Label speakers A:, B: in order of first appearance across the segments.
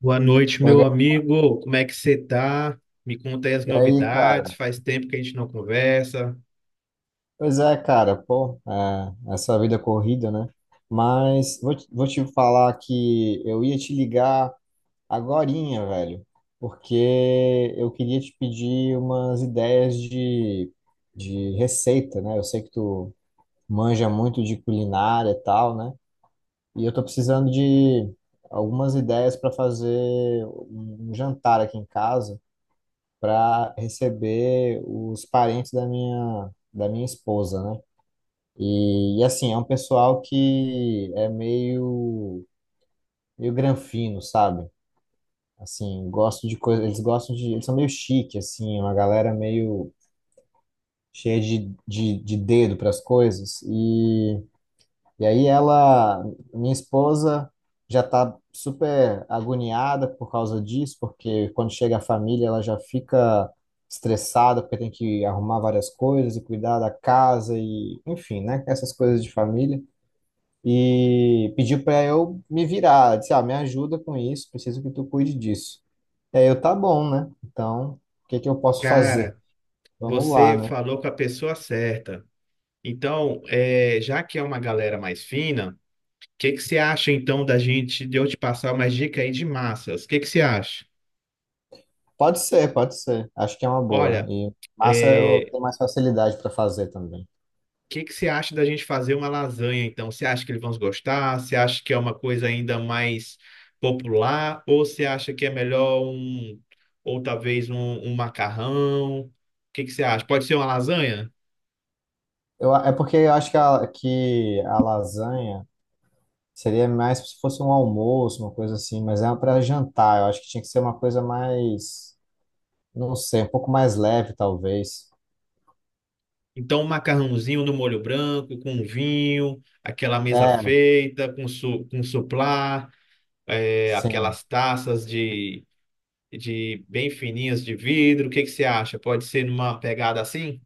A: Boa noite,
B: Oi,
A: meu
B: Gabi.
A: amigo. Como é que você tá? Me conta aí as
B: E aí,
A: novidades.
B: cara?
A: Faz tempo que a gente não conversa.
B: Pois é, cara, pô, essa vida corrida, né? Mas vou te falar que eu ia te ligar agorinha, velho, porque eu queria te pedir umas ideias de receita, né? Eu sei que tu manja muito de culinária e tal, né? E eu tô precisando de algumas ideias para fazer um jantar aqui em casa. Para receber os parentes da minha esposa, né? Assim, é um pessoal que é meio granfino, sabe? Assim, gosto de coisa, eles são meio chique, assim, uma galera meio cheia de dedo para as coisas. E aí ela, minha esposa, já está super agoniada por causa disso, porque quando chega a família ela já fica estressada, porque tem que arrumar várias coisas e cuidar da casa e, enfim, né? Essas coisas de família. E pediu para eu me virar. Ela disse, ah, me ajuda com isso, preciso que tu cuide disso. E aí eu, tá bom, né? Então, o que que eu posso fazer?
A: Cara,
B: Vamos lá,
A: você
B: né?
A: falou com a pessoa certa. Então, é, já que é uma galera mais fina, o que que você acha então da gente de eu te passar umas dicas aí de massas? O que que você acha?
B: Pode ser, pode ser. Acho que é uma boa.
A: Olha,
B: E massa eu
A: é,
B: tenho mais facilidade para fazer também.
A: que você acha da gente fazer uma lasanha, então? Você acha que eles vão gostar? Você acha que é uma coisa ainda mais popular? Ou você acha que é melhor ou talvez um macarrão? O que que você acha? Pode ser uma lasanha?
B: Eu, é porque eu acho que que a lasanha seria mais se fosse um almoço, uma coisa assim, mas é para jantar. Eu acho que tinha que ser uma coisa mais, não sei, um pouco mais leve, talvez.
A: Então, um macarrãozinho no molho branco, com um vinho, aquela mesa
B: É,
A: feita, com suplá, é,
B: sim,
A: aquelas de bem fininhas de vidro. O que que você acha? Pode ser numa pegada assim?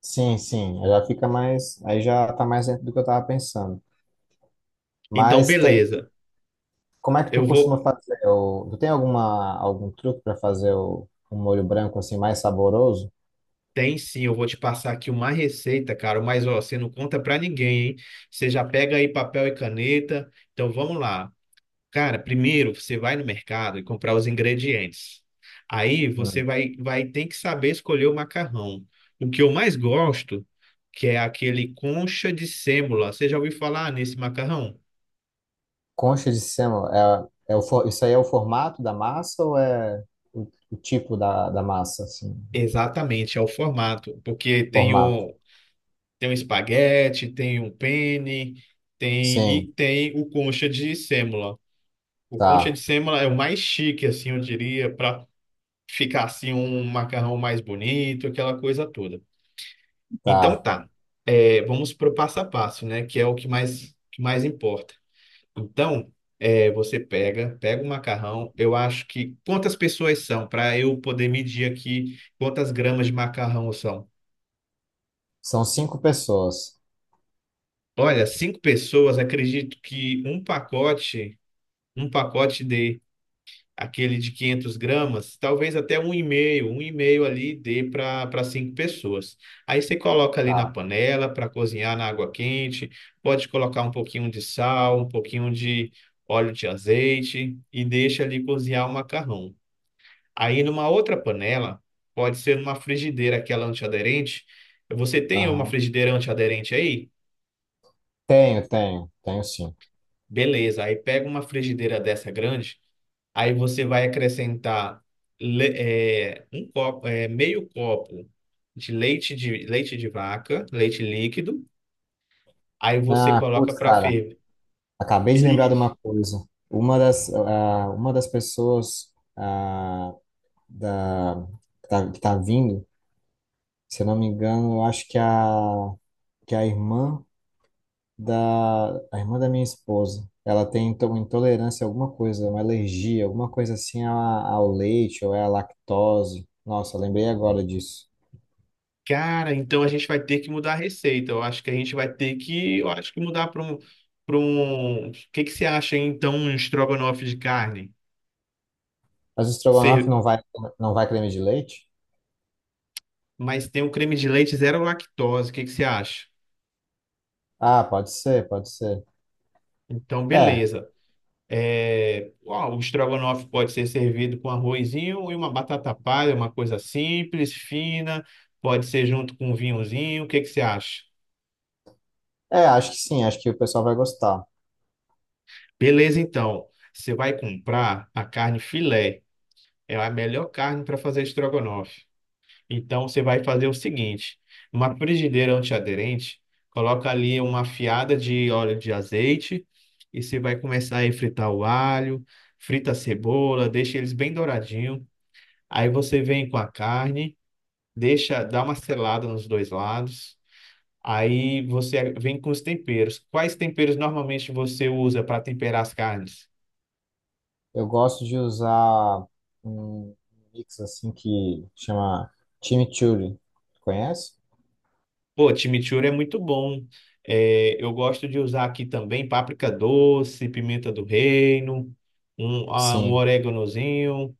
B: sim, sim. Já fica mais, aí já tá mais dentro do que eu tava pensando.
A: Então,
B: Mas
A: beleza.
B: como é que tu
A: Eu vou.
B: costuma fazer? O, tu tem alguma, algum truque para fazer um molho branco assim mais saboroso?
A: Tem sim, eu vou te passar aqui uma receita, cara, mas ó, você não conta pra ninguém, hein? Você já pega aí papel e caneta. Então vamos lá. Cara, primeiro você vai no mercado e comprar os ingredientes. Aí você
B: Hum.
A: vai ter que saber escolher o macarrão. O que eu mais gosto, que é aquele concha de sêmola. Você já ouviu falar nesse macarrão?
B: Concha de sêmola, é isso aí é o formato da massa ou é o tipo da massa, assim?
A: Exatamente, é o formato, porque
B: Formato.
A: tem um espaguete, tem um penne,
B: Sim,
A: tem o concha de sêmola. O concha
B: tá,
A: de sêmola é o mais chique, assim, eu diria, para ficar assim um macarrão mais bonito, aquela coisa toda. Então
B: tá.
A: tá, é, vamos pro passo a passo, né? Que é o que mais importa. Então, é, você pega o macarrão. Eu acho que quantas pessoas são para eu poder medir aqui quantas gramas de macarrão são.
B: São cinco pessoas.
A: Olha, cinco pessoas, acredito que um pacote dê aquele de 500 gramas, talvez até um e meio ali dê para cinco pessoas. Aí você coloca ali na
B: Tá,
A: panela para cozinhar na água quente, pode colocar um pouquinho de sal, um pouquinho de óleo de azeite e deixa ali cozinhar o macarrão. Aí numa outra panela, pode ser numa frigideira, aquela antiaderente. Você tem uma
B: aham.
A: frigideira antiaderente aí?
B: Tenho, tenho, tenho sim.
A: Beleza, aí pega uma frigideira dessa grande. Aí você vai acrescentar um copo, é, meio copo de leite de vaca, leite líquido. Aí você
B: Ah,
A: coloca
B: putz,
A: para
B: cara,
A: ferver.
B: acabei de lembrar de
A: Isso.
B: uma coisa. Uma das pessoas da, que tá vindo, se eu não me engano, eu acho que é que é a irmã da minha esposa. Ela tem então intolerância a alguma coisa, uma alergia, alguma coisa ao leite ou é à lactose. Nossa, lembrei agora disso.
A: Cara, então a gente vai ter que mudar a receita. Eu acho que a gente vai ter que, eu acho que mudar para um. O que que você acha hein, então um estrogonofe de carne?
B: Mas o estrogonofe
A: Ser-
B: não vai creme de leite?
A: Mas tem um creme de leite zero lactose. O que que você acha?
B: Ah, pode ser, pode ser.
A: Então,
B: É,
A: beleza. É, ó, o estrogonofe pode ser servido com arrozinho e uma batata palha, uma coisa simples, fina, pode ser junto com um vinhozinho. O que que você acha?
B: acho que sim, acho que o pessoal vai gostar.
A: Beleza, então. Você vai comprar a carne filé. É a melhor carne para fazer estrogonofe. Então você vai fazer o seguinte: uma frigideira antiaderente, coloca ali uma fiada de óleo de azeite e você vai começar a fritar o alho, frita a cebola, deixa eles bem douradinhos. Aí você vem com a carne, deixa, dá uma selada nos dois lados. Aí você vem com os temperos. Quais temperos normalmente você usa para temperar as carnes?
B: Eu gosto de usar um mix assim que chama chimichurri. Conhece?
A: Pô, chimichurri é muito bom. É, eu gosto de usar aqui também páprica doce, pimenta do reino, um
B: Sim.
A: oréganozinho.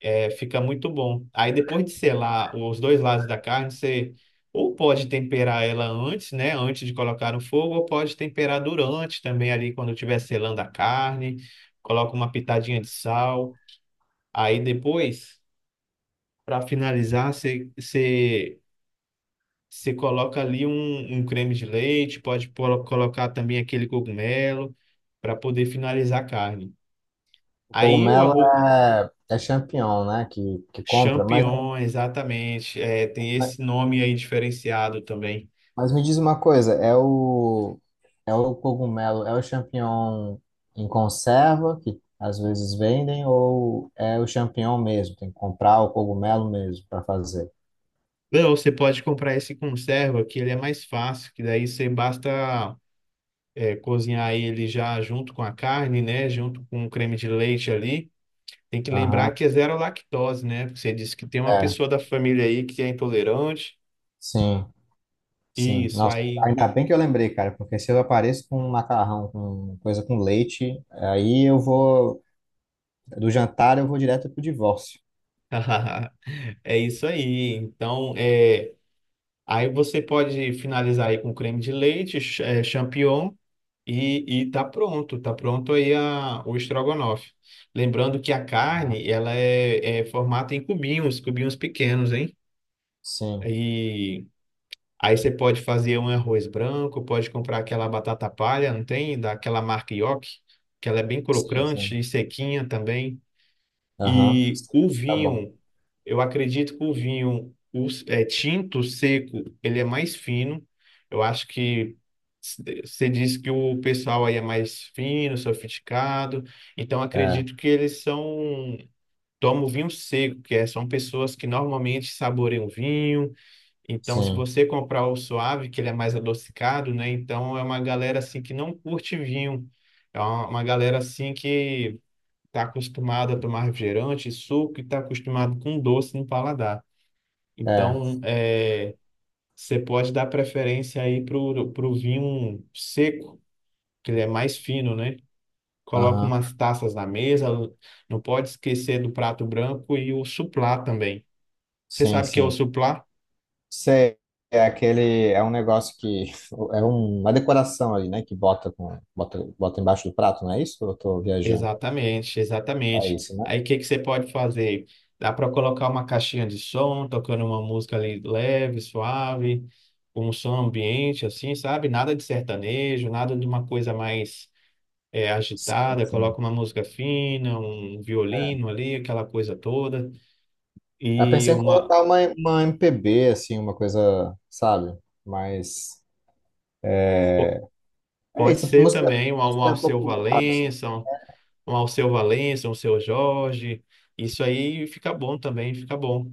A: É, fica muito bom. Aí depois de selar os dois lados da carne, você ou pode temperar ela antes, né? Antes de colocar no fogo, ou pode temperar durante também ali quando estiver selando a carne, coloca uma pitadinha de sal. Aí depois, para finalizar, você coloca ali um creme de leite, pode colocar também aquele cogumelo para poder finalizar a carne.
B: O
A: Aí o
B: cogumelo
A: arroz.
B: é, é champignon, né? Que compra, mas é.
A: Champignon, exatamente. É, tem esse nome aí diferenciado também.
B: Mas me diz uma coisa, é o cogumelo, é o champignon em conserva que às vezes vendem ou é o champignon mesmo? Tem que comprar o cogumelo mesmo para fazer.
A: Não, você pode comprar esse conserva, que ele é mais fácil, que daí você basta é, cozinhar ele já junto com a carne, né? Junto com o creme de leite ali. Tem que lembrar
B: Aham.
A: que é zero lactose, né? Porque você disse que tem uma
B: É.
A: pessoa da família aí que é intolerante.
B: Sim, sim.
A: Isso,
B: Nossa,
A: aí.
B: ainda bem que eu lembrei, cara, porque se eu apareço com um macarrão, com coisa com leite, aí eu vou do jantar eu vou direto pro divórcio.
A: É isso aí. Então, é, aí você pode finalizar aí com creme de leite, champignon. E tá pronto aí o estrogonofe. Lembrando que a
B: Aham.
A: carne, ela é, é formada em cubinhos, cubinhos pequenos, hein?
B: Sim,
A: E aí você pode fazer um arroz branco, pode comprar aquela batata palha, não tem? Daquela marca Yoki, que ela é bem
B: sim, sim.
A: crocante e sequinha também.
B: Aham.
A: E
B: Sim.
A: o
B: Tá bom.
A: vinho, eu acredito que o é, tinto seco, ele é mais fino. Eu acho que você disse que o pessoal aí é mais fino, sofisticado. Então,
B: É,
A: acredito que eles são. Tomam vinho seco, são pessoas que normalmente saboreiam vinho. Então, se
B: sim.
A: você comprar o suave, que ele é mais adocicado, né? Então, é uma galera assim que não curte vinho. É uma galera assim que está acostumado a tomar refrigerante, suco e está acostumado com doce no paladar.
B: É.
A: Então, é, você pode dar preferência aí para o vinho seco, que ele é mais fino, né? Coloca
B: Aham.
A: umas taças na mesa, não pode esquecer do prato branco e o suplá também. Você
B: Sim,
A: sabe o que é o
B: sim.
A: suplá?
B: Sei, é aquele, é um negócio que é um, uma decoração ali, né? Que bota com, bota embaixo do prato, não é isso? Ou eu tô viajando.
A: Exatamente,
B: É
A: exatamente.
B: isso, né?
A: Aí o que que você pode fazer? Dá para colocar uma caixinha de som, tocando uma música ali leve, suave, com um som ambiente, assim, sabe? Nada de sertanejo, nada de uma coisa mais é,
B: Sim,
A: agitada. Coloca
B: sim.
A: uma música fina, um violino ali, aquela coisa toda.
B: Eu
A: E
B: pensei em
A: uma
B: colocar uma MPB, assim, uma coisa, sabe? Mas
A: po-
B: é, é
A: pode
B: isso,
A: ser
B: música,
A: também um
B: música é
A: Alceu
B: popular, assim.
A: Valença, um Alceu Valença, um Seu Jorge. Isso aí fica bom também, fica bom.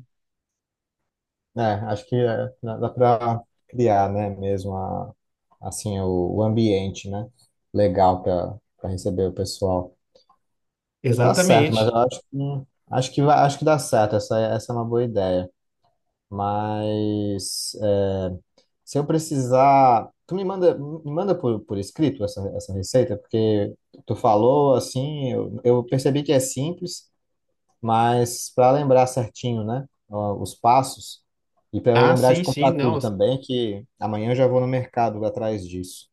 B: É, acho que é, dá pra criar, né? Mesmo a, assim, o ambiente, né? Legal para receber o pessoal. Tá certo, mas eu
A: Exatamente.
B: acho que acho que acho que dá certo. Essa é uma boa ideia. Mas é, se eu precisar, tu me manda por escrito essa receita, porque tu falou assim, eu percebi que é simples, mas para lembrar certinho, né, ó, os passos e para eu
A: Ah,
B: lembrar de
A: sim, sim,
B: comprar
A: não.
B: tudo também, que amanhã eu já vou no mercado atrás disso.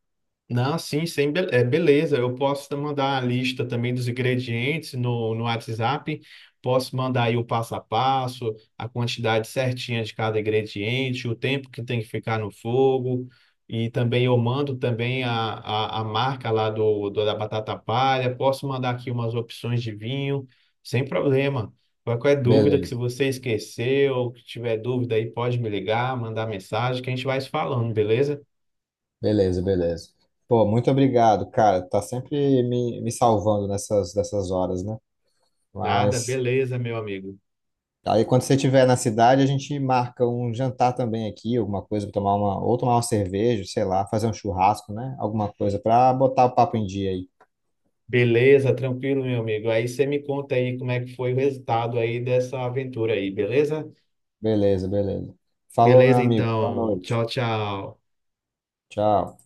A: Não, sim, sim, beleza. Eu posso te mandar a lista também dos ingredientes no WhatsApp. Posso mandar aí o passo a passo, a quantidade certinha de cada ingrediente, o tempo que tem que ficar no fogo. E também eu mando também a marca lá da batata palha. Posso mandar aqui umas opções de vinho, sem problema. Qualquer dúvida que se
B: Beleza.
A: você esqueceu, que tiver dúvida aí, pode me ligar, mandar mensagem, que a gente vai se falando, beleza?
B: Beleza, beleza. Pô, muito obrigado, cara. Tá sempre me salvando nessas, nessas horas, né?
A: Nada,
B: Mas
A: beleza, meu amigo.
B: aí quando você estiver na cidade, a gente marca um jantar também aqui, alguma coisa, tomar uma, ou tomar uma cerveja, sei lá, fazer um churrasco, né? Alguma coisa pra botar o papo em dia aí.
A: Beleza, tranquilo, meu amigo. Aí você me conta aí como é que foi o resultado aí dessa aventura aí, beleza?
B: Beleza, beleza. Falou, meu
A: Beleza,
B: amigo. Boa
A: então.
B: noite.
A: Tchau, tchau.
B: Tchau.